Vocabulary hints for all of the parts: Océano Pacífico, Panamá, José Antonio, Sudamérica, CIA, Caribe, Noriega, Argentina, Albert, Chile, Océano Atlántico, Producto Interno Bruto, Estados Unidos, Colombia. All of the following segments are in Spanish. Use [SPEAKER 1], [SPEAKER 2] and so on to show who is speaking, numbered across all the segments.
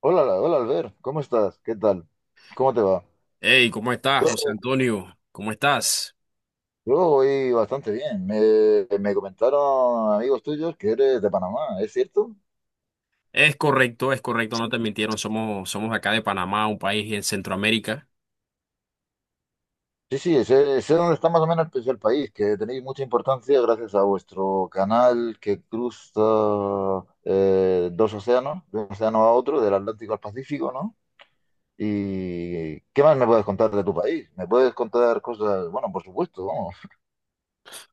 [SPEAKER 1] Hola, hola Albert, ¿cómo estás? ¿Qué tal? ¿Cómo te va?
[SPEAKER 2] Hey, ¿cómo estás,
[SPEAKER 1] Yo,
[SPEAKER 2] José Antonio? ¿Cómo estás?
[SPEAKER 1] yo voy bastante bien. Me comentaron amigos tuyos que eres de Panamá, ¿es cierto?
[SPEAKER 2] Es correcto, no te mintieron, somos acá de Panamá, un país en Centroamérica.
[SPEAKER 1] Sí, sí, sé dónde está más o menos pues, el país, que tenéis mucha importancia gracias a vuestro canal que cruza dos océanos, de un océano a otro, del Atlántico al Pacífico, ¿no? ¿Y qué más me puedes contar de tu país? ¿Me puedes contar cosas? Bueno, por supuesto, vamos.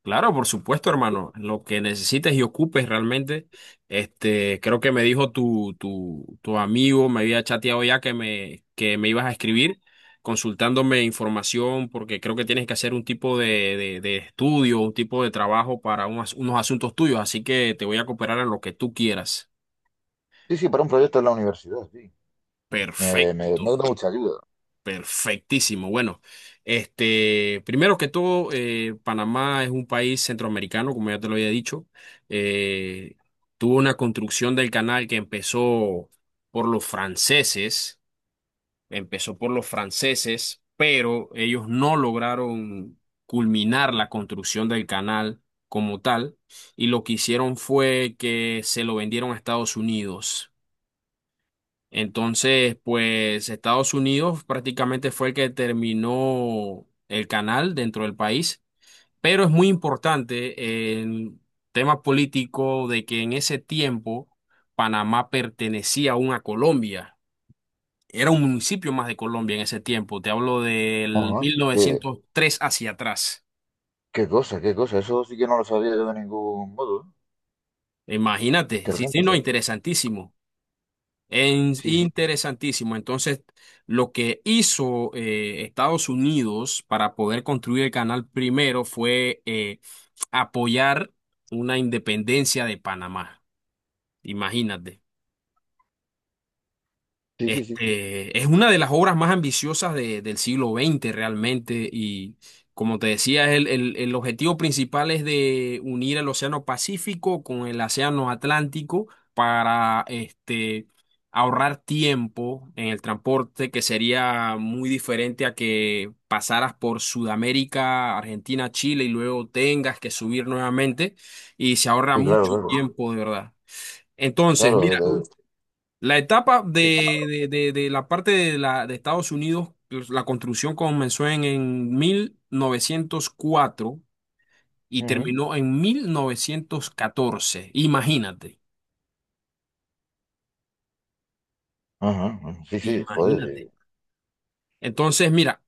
[SPEAKER 2] Claro, por supuesto, hermano, lo que necesites y ocupes realmente, creo que me dijo tu amigo, me había chateado ya que que me ibas a escribir, consultándome información, porque creo que tienes que hacer un tipo de estudio, un tipo de trabajo para unos asuntos tuyos, así que te voy a cooperar en lo que tú quieras.
[SPEAKER 1] Sí, sí, para un proyecto en la universidad, sí. Me, me,
[SPEAKER 2] Perfecto.
[SPEAKER 1] me da mucha ayuda.
[SPEAKER 2] Perfectísimo. Bueno, primero que todo, Panamá es un país centroamericano, como ya te lo había dicho. Eh, tuvo una construcción del canal que empezó por los franceses, empezó por los franceses, pero ellos no lograron culminar la construcción del canal como tal, y lo que hicieron fue que se lo vendieron a Estados Unidos. Entonces, pues Estados Unidos prácticamente fue el que terminó el canal dentro del país, pero es muy importante el tema político de que en ese tiempo Panamá pertenecía aún a Colombia. Era un municipio más de Colombia en ese tiempo. Te hablo del
[SPEAKER 1] Ajá. Qué,
[SPEAKER 2] 1903 hacia atrás.
[SPEAKER 1] qué cosa, qué cosa. Eso sí que no lo sabía yo de ningún modo, ¿eh?
[SPEAKER 2] Imagínate, sí, sí,
[SPEAKER 1] Interesante.
[SPEAKER 2] no, interesantísimo.
[SPEAKER 1] Sí. Sí, sí,
[SPEAKER 2] Interesantísimo. Entonces, lo que hizo Estados Unidos para poder construir el canal primero fue apoyar una independencia de Panamá. Imagínate.
[SPEAKER 1] sí, sí, sí.
[SPEAKER 2] Es una de las obras más ambiciosas del siglo XX realmente y como te decía, el objetivo principal es de unir el Océano Pacífico con el Océano Atlántico para ahorrar tiempo en el transporte que sería muy diferente a que pasaras por Sudamérica, Argentina, Chile y luego tengas que subir nuevamente y se ahorra
[SPEAKER 1] Sí, claro,
[SPEAKER 2] mucho
[SPEAKER 1] claro.
[SPEAKER 2] tiempo de verdad. Entonces,
[SPEAKER 1] Claro, de-
[SPEAKER 2] la etapa de la parte de Estados Unidos, pues, la construcción comenzó en 1904 y
[SPEAKER 1] Ujú.
[SPEAKER 2] terminó en 1914. Imagínate,
[SPEAKER 1] Ajá, ajá. Sí, sí,
[SPEAKER 2] imagínate.
[SPEAKER 1] joder,
[SPEAKER 2] Entonces, mira,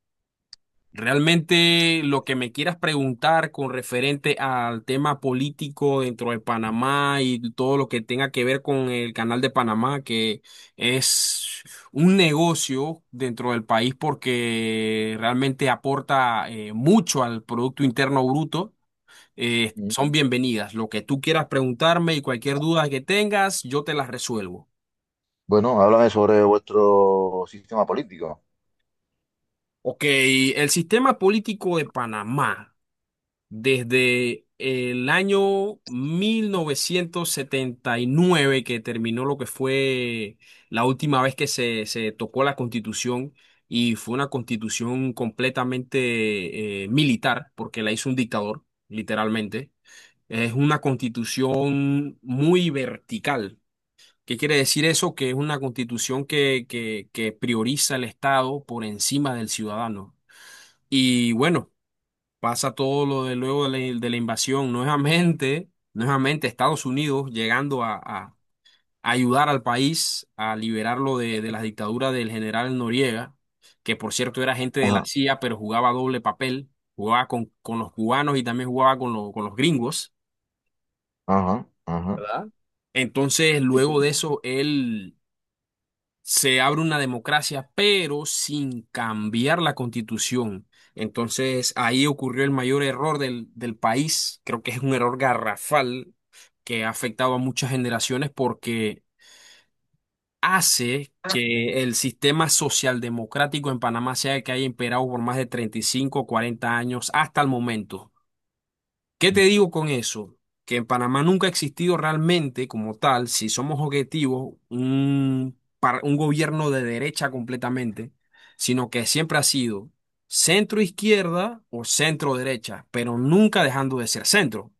[SPEAKER 2] realmente lo que me quieras preguntar con referente al tema político dentro de Panamá y todo lo que tenga que ver con el canal de Panamá, que es un negocio dentro del país porque realmente aporta mucho al Producto Interno Bruto,
[SPEAKER 1] sí. Ujú.
[SPEAKER 2] son bienvenidas. Lo que tú quieras preguntarme y cualquier duda que tengas, yo te las resuelvo.
[SPEAKER 1] Bueno, háblame sobre vuestro sistema político.
[SPEAKER 2] Ok, el sistema político de Panamá. Desde el año 1979 que terminó lo que fue la última vez que se tocó la constitución y fue una constitución completamente militar porque la hizo un dictador, literalmente. Es una constitución muy vertical. ¿Qué quiere decir eso? Que es una constitución que prioriza el Estado por encima del ciudadano. Y bueno pasa todo lo de luego de la invasión, nuevamente, nuevamente Estados Unidos llegando a ayudar al país a liberarlo de la dictadura del general Noriega, que por cierto era gente de la
[SPEAKER 1] Ajá,
[SPEAKER 2] CIA, pero jugaba doble papel, jugaba con los cubanos y también jugaba con los gringos.
[SPEAKER 1] ajá, ajá.
[SPEAKER 2] ¿Verdad? Entonces,
[SPEAKER 1] Sí, sí.
[SPEAKER 2] luego de eso, él se abre una democracia, pero sin cambiar la constitución. Entonces ahí ocurrió el mayor error del país. Creo que es un error garrafal que ha afectado a muchas generaciones porque hace
[SPEAKER 1] Ujú,
[SPEAKER 2] que el sistema socialdemocrático en Panamá sea el que haya imperado por más de 35 o 40 años hasta el momento. ¿Qué te digo con eso? Que en Panamá nunca ha existido realmente como tal, si somos objetivos, un gobierno de derecha completamente, sino que siempre ha sido centro izquierda o centro derecha, pero nunca dejando de ser centro.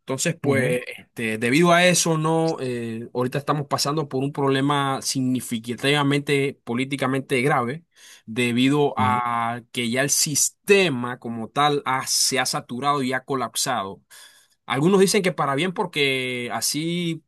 [SPEAKER 2] Entonces, pues, debido a eso, no, ahorita estamos pasando por un problema significativamente políticamente grave debido
[SPEAKER 1] ujú.
[SPEAKER 2] a que ya el sistema como tal se ha saturado y ha colapsado. Algunos dicen que para bien porque así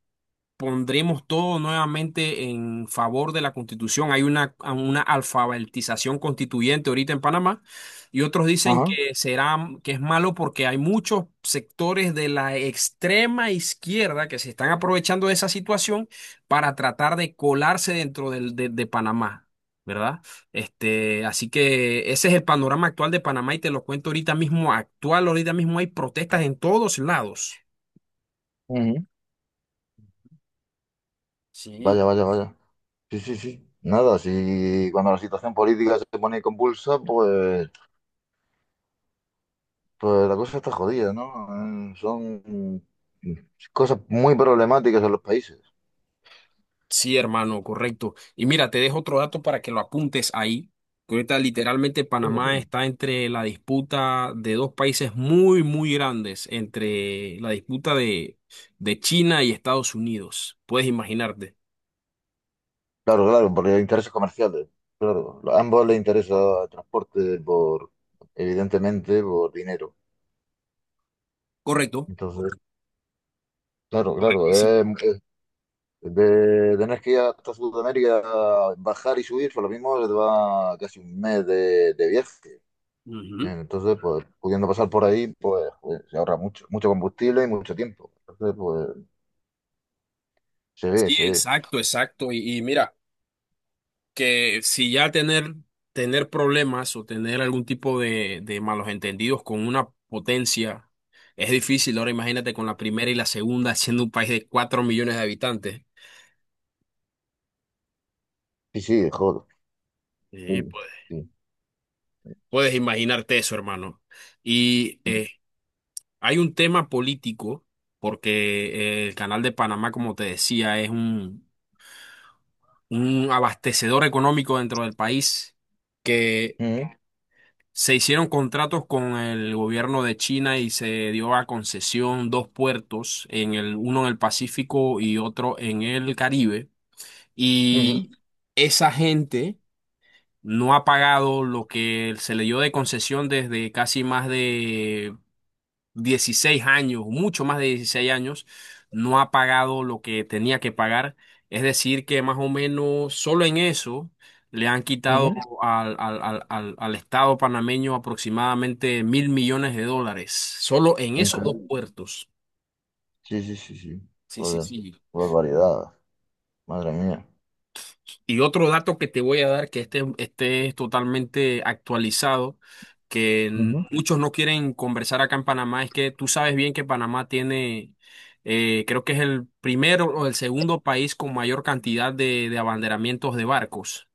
[SPEAKER 2] pondremos todo nuevamente en favor de la Constitución. Hay una alfabetización constituyente ahorita en Panamá y otros dicen
[SPEAKER 1] Ajá,
[SPEAKER 2] que será, que es malo porque hay muchos sectores de la extrema izquierda que se están aprovechando de esa situación para tratar de colarse dentro de Panamá. ¿Verdad? Así que ese es el panorama actual de Panamá y te lo cuento ahorita mismo, actual, ahorita mismo hay protestas en todos lados.
[SPEAKER 1] ujú.
[SPEAKER 2] Sí,
[SPEAKER 1] Vaya, vaya, vaya. Sí, sí, sí. Nada, si cuando la situación política se pone convulsa, pues pues la cosa está jodida, ¿no? Son mm, cosas muy problemáticas en los países.
[SPEAKER 2] sí, hermano, correcto. Y mira, te dejo otro dato para que lo apuntes ahí. Que ahorita literalmente
[SPEAKER 1] Dime,
[SPEAKER 2] Panamá
[SPEAKER 1] dime.
[SPEAKER 2] está entre la disputa de dos países muy, muy grandes, entre la disputa de China y Estados Unidos. Puedes imaginarte.
[SPEAKER 1] Claro, claro, porque hay intereses comerciales. Claro, a ambos les interesa el transporte por, evidentemente, por dinero.
[SPEAKER 2] Correcto.
[SPEAKER 1] Entonces, claro, claro,
[SPEAKER 2] Correctísimo.
[SPEAKER 1] de tener que ir hasta Sudamérica, bajar y subir, por lo mismo se te va casi un mes de viaje.
[SPEAKER 2] Ujú.
[SPEAKER 1] Entonces, pues, pudiendo pasar por ahí, pues, joder, se ahorra mucho, mucho combustible y mucho tiempo. Entonces, pues, se ve,
[SPEAKER 2] Sí,
[SPEAKER 1] se ve.
[SPEAKER 2] exacto, exacto. Y mira, que si ya tener problemas o tener algún tipo de malos entendidos con una potencia es difícil, ahora imagínate con la primera y la segunda siendo un país de 4 millones de habitantes.
[SPEAKER 1] Sí, sí, de jodo.
[SPEAKER 2] Sí,
[SPEAKER 1] Sí,
[SPEAKER 2] puedes,
[SPEAKER 1] sí.
[SPEAKER 2] puedes imaginarte eso, hermano. Y hay un tema político, porque el Canal de Panamá, como te decía, es un abastecedor económico dentro del país que
[SPEAKER 1] Ujú,
[SPEAKER 2] se hicieron contratos con el gobierno de China y se dio a concesión dos puertos, en el, uno en el Pacífico y otro en el Caribe.
[SPEAKER 1] ujú,
[SPEAKER 2] Y esa gente no ha pagado lo que se le dio de concesión desde casi más de 16 años, mucho más de 16 años, no ha pagado lo que tenía que pagar. Es decir, que más o menos solo en eso le han quitado
[SPEAKER 1] ujú.
[SPEAKER 2] al Estado panameño aproximadamente $1.000 millones, solo en esos dos
[SPEAKER 1] Increíble.
[SPEAKER 2] puertos.
[SPEAKER 1] Sí, sí, sí, sí.
[SPEAKER 2] Sí, sí,
[SPEAKER 1] Joder,
[SPEAKER 2] sí.
[SPEAKER 1] qué barbaridad. Madre mía.
[SPEAKER 2] Y otro dato que te voy a dar, que este es totalmente actualizado, que
[SPEAKER 1] Ujú.
[SPEAKER 2] muchos no quieren conversar acá en Panamá, es que tú sabes bien que Panamá tiene, creo que es el primero o el segundo país con mayor cantidad de abanderamientos de barcos.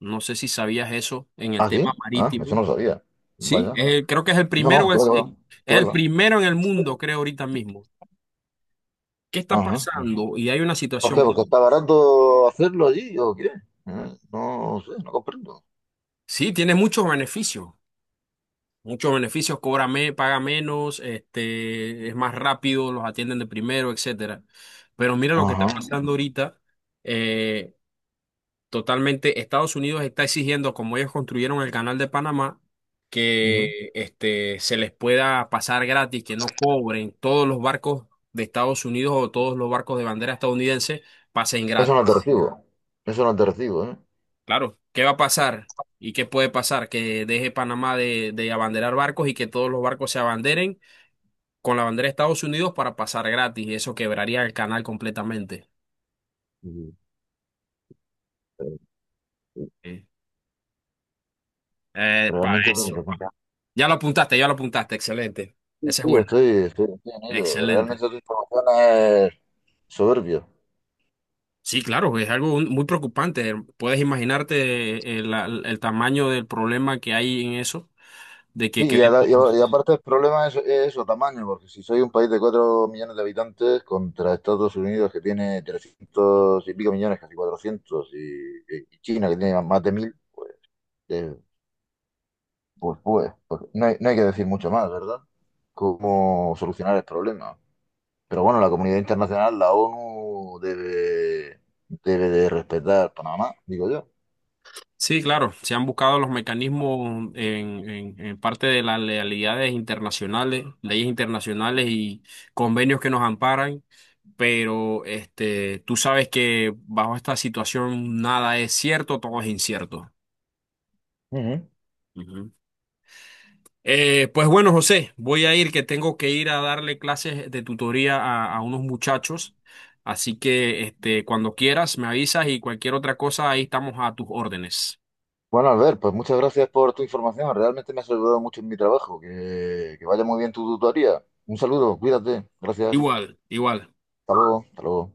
[SPEAKER 2] No sé si sabías eso en el
[SPEAKER 1] Ah, sí.
[SPEAKER 2] tema
[SPEAKER 1] Ah, eso no
[SPEAKER 2] marítimo.
[SPEAKER 1] lo sabía.
[SPEAKER 2] Sí,
[SPEAKER 1] Vaya.
[SPEAKER 2] creo que es el
[SPEAKER 1] No,
[SPEAKER 2] primero,
[SPEAKER 1] no, qué va, qué va.
[SPEAKER 2] es
[SPEAKER 1] Qué va, qué
[SPEAKER 2] el
[SPEAKER 1] va.
[SPEAKER 2] primero en el mundo, creo, ahorita mismo. ¿Qué está
[SPEAKER 1] Ajá, ajá.
[SPEAKER 2] pasando? Y hay una
[SPEAKER 1] ¿Por qué?
[SPEAKER 2] situación.
[SPEAKER 1] ¿Porque está barato hacerlo allí o qué? No sé, no comprendo.
[SPEAKER 2] Sí, tiene muchos beneficios. Muchos beneficios, paga menos, es más rápido, los atienden de primero, etcétera. Pero mira lo que está
[SPEAKER 1] Ajá.
[SPEAKER 2] pasando ahorita. eh, totalmente, Estados Unidos está exigiendo, como ellos construyeron el canal de Panamá,
[SPEAKER 1] Ujú.
[SPEAKER 2] que se les pueda pasar gratis, que no cobren todos los barcos de Estados Unidos o todos los barcos de bandera estadounidense pasen
[SPEAKER 1] Eso no te
[SPEAKER 2] gratis.
[SPEAKER 1] recibo. Eso no te recibo, ¿eh?
[SPEAKER 2] Claro, ¿qué va a pasar? ¿Y qué puede pasar? Que deje Panamá de abanderar barcos y que todos los barcos se abanderen con la bandera de Estados Unidos para pasar gratis y eso quebraría el canal completamente.
[SPEAKER 1] Sí, pero- sí.
[SPEAKER 2] Sí. Para
[SPEAKER 1] Realmente tienes
[SPEAKER 2] eso.
[SPEAKER 1] razón.
[SPEAKER 2] Ya lo apuntaste, excelente.
[SPEAKER 1] Sí,
[SPEAKER 2] Esa es
[SPEAKER 1] sí,
[SPEAKER 2] buena,
[SPEAKER 1] estoy en ello.
[SPEAKER 2] excelente.
[SPEAKER 1] Realmente tu información es soberbia.
[SPEAKER 2] Sí, claro, es algo muy preocupante. Puedes imaginarte el tamaño del problema que hay en eso, de que
[SPEAKER 1] Sí,
[SPEAKER 2] queremos
[SPEAKER 1] y aparte el problema es eso, tamaño, porque si soy un país de 4 millones de habitantes contra Estados Unidos que tiene 300 y pico millones, casi 400 y China que tiene más de 1.000 eh, pues, pues, pues no hay, no hay que decir mucho más, ¿verdad? Cómo solucionar el problema. Pero bueno, la comunidad internacional, la ONU, debe, debe de respetar Panamá, digo yo.
[SPEAKER 2] sí, claro, se han buscado los mecanismos en parte de las lealidades internacionales, leyes internacionales y convenios que nos amparan, pero tú sabes que bajo esta situación nada es cierto, todo es incierto.
[SPEAKER 1] Ujú.
[SPEAKER 2] Ujú. Pues bueno, José, voy a ir, que tengo que ir a darle clases de tutoría a unos muchachos, así que cuando quieras me avisas y cualquier otra cosa, ahí estamos a tus órdenes.
[SPEAKER 1] Bueno, Albert, pues muchas gracias por tu información. Realmente me has ayudado mucho en mi trabajo. Que vaya muy bien tu tutoría. Un saludo, cuídate. Gracias.
[SPEAKER 2] Igual, igual.
[SPEAKER 1] Hasta luego, hasta luego.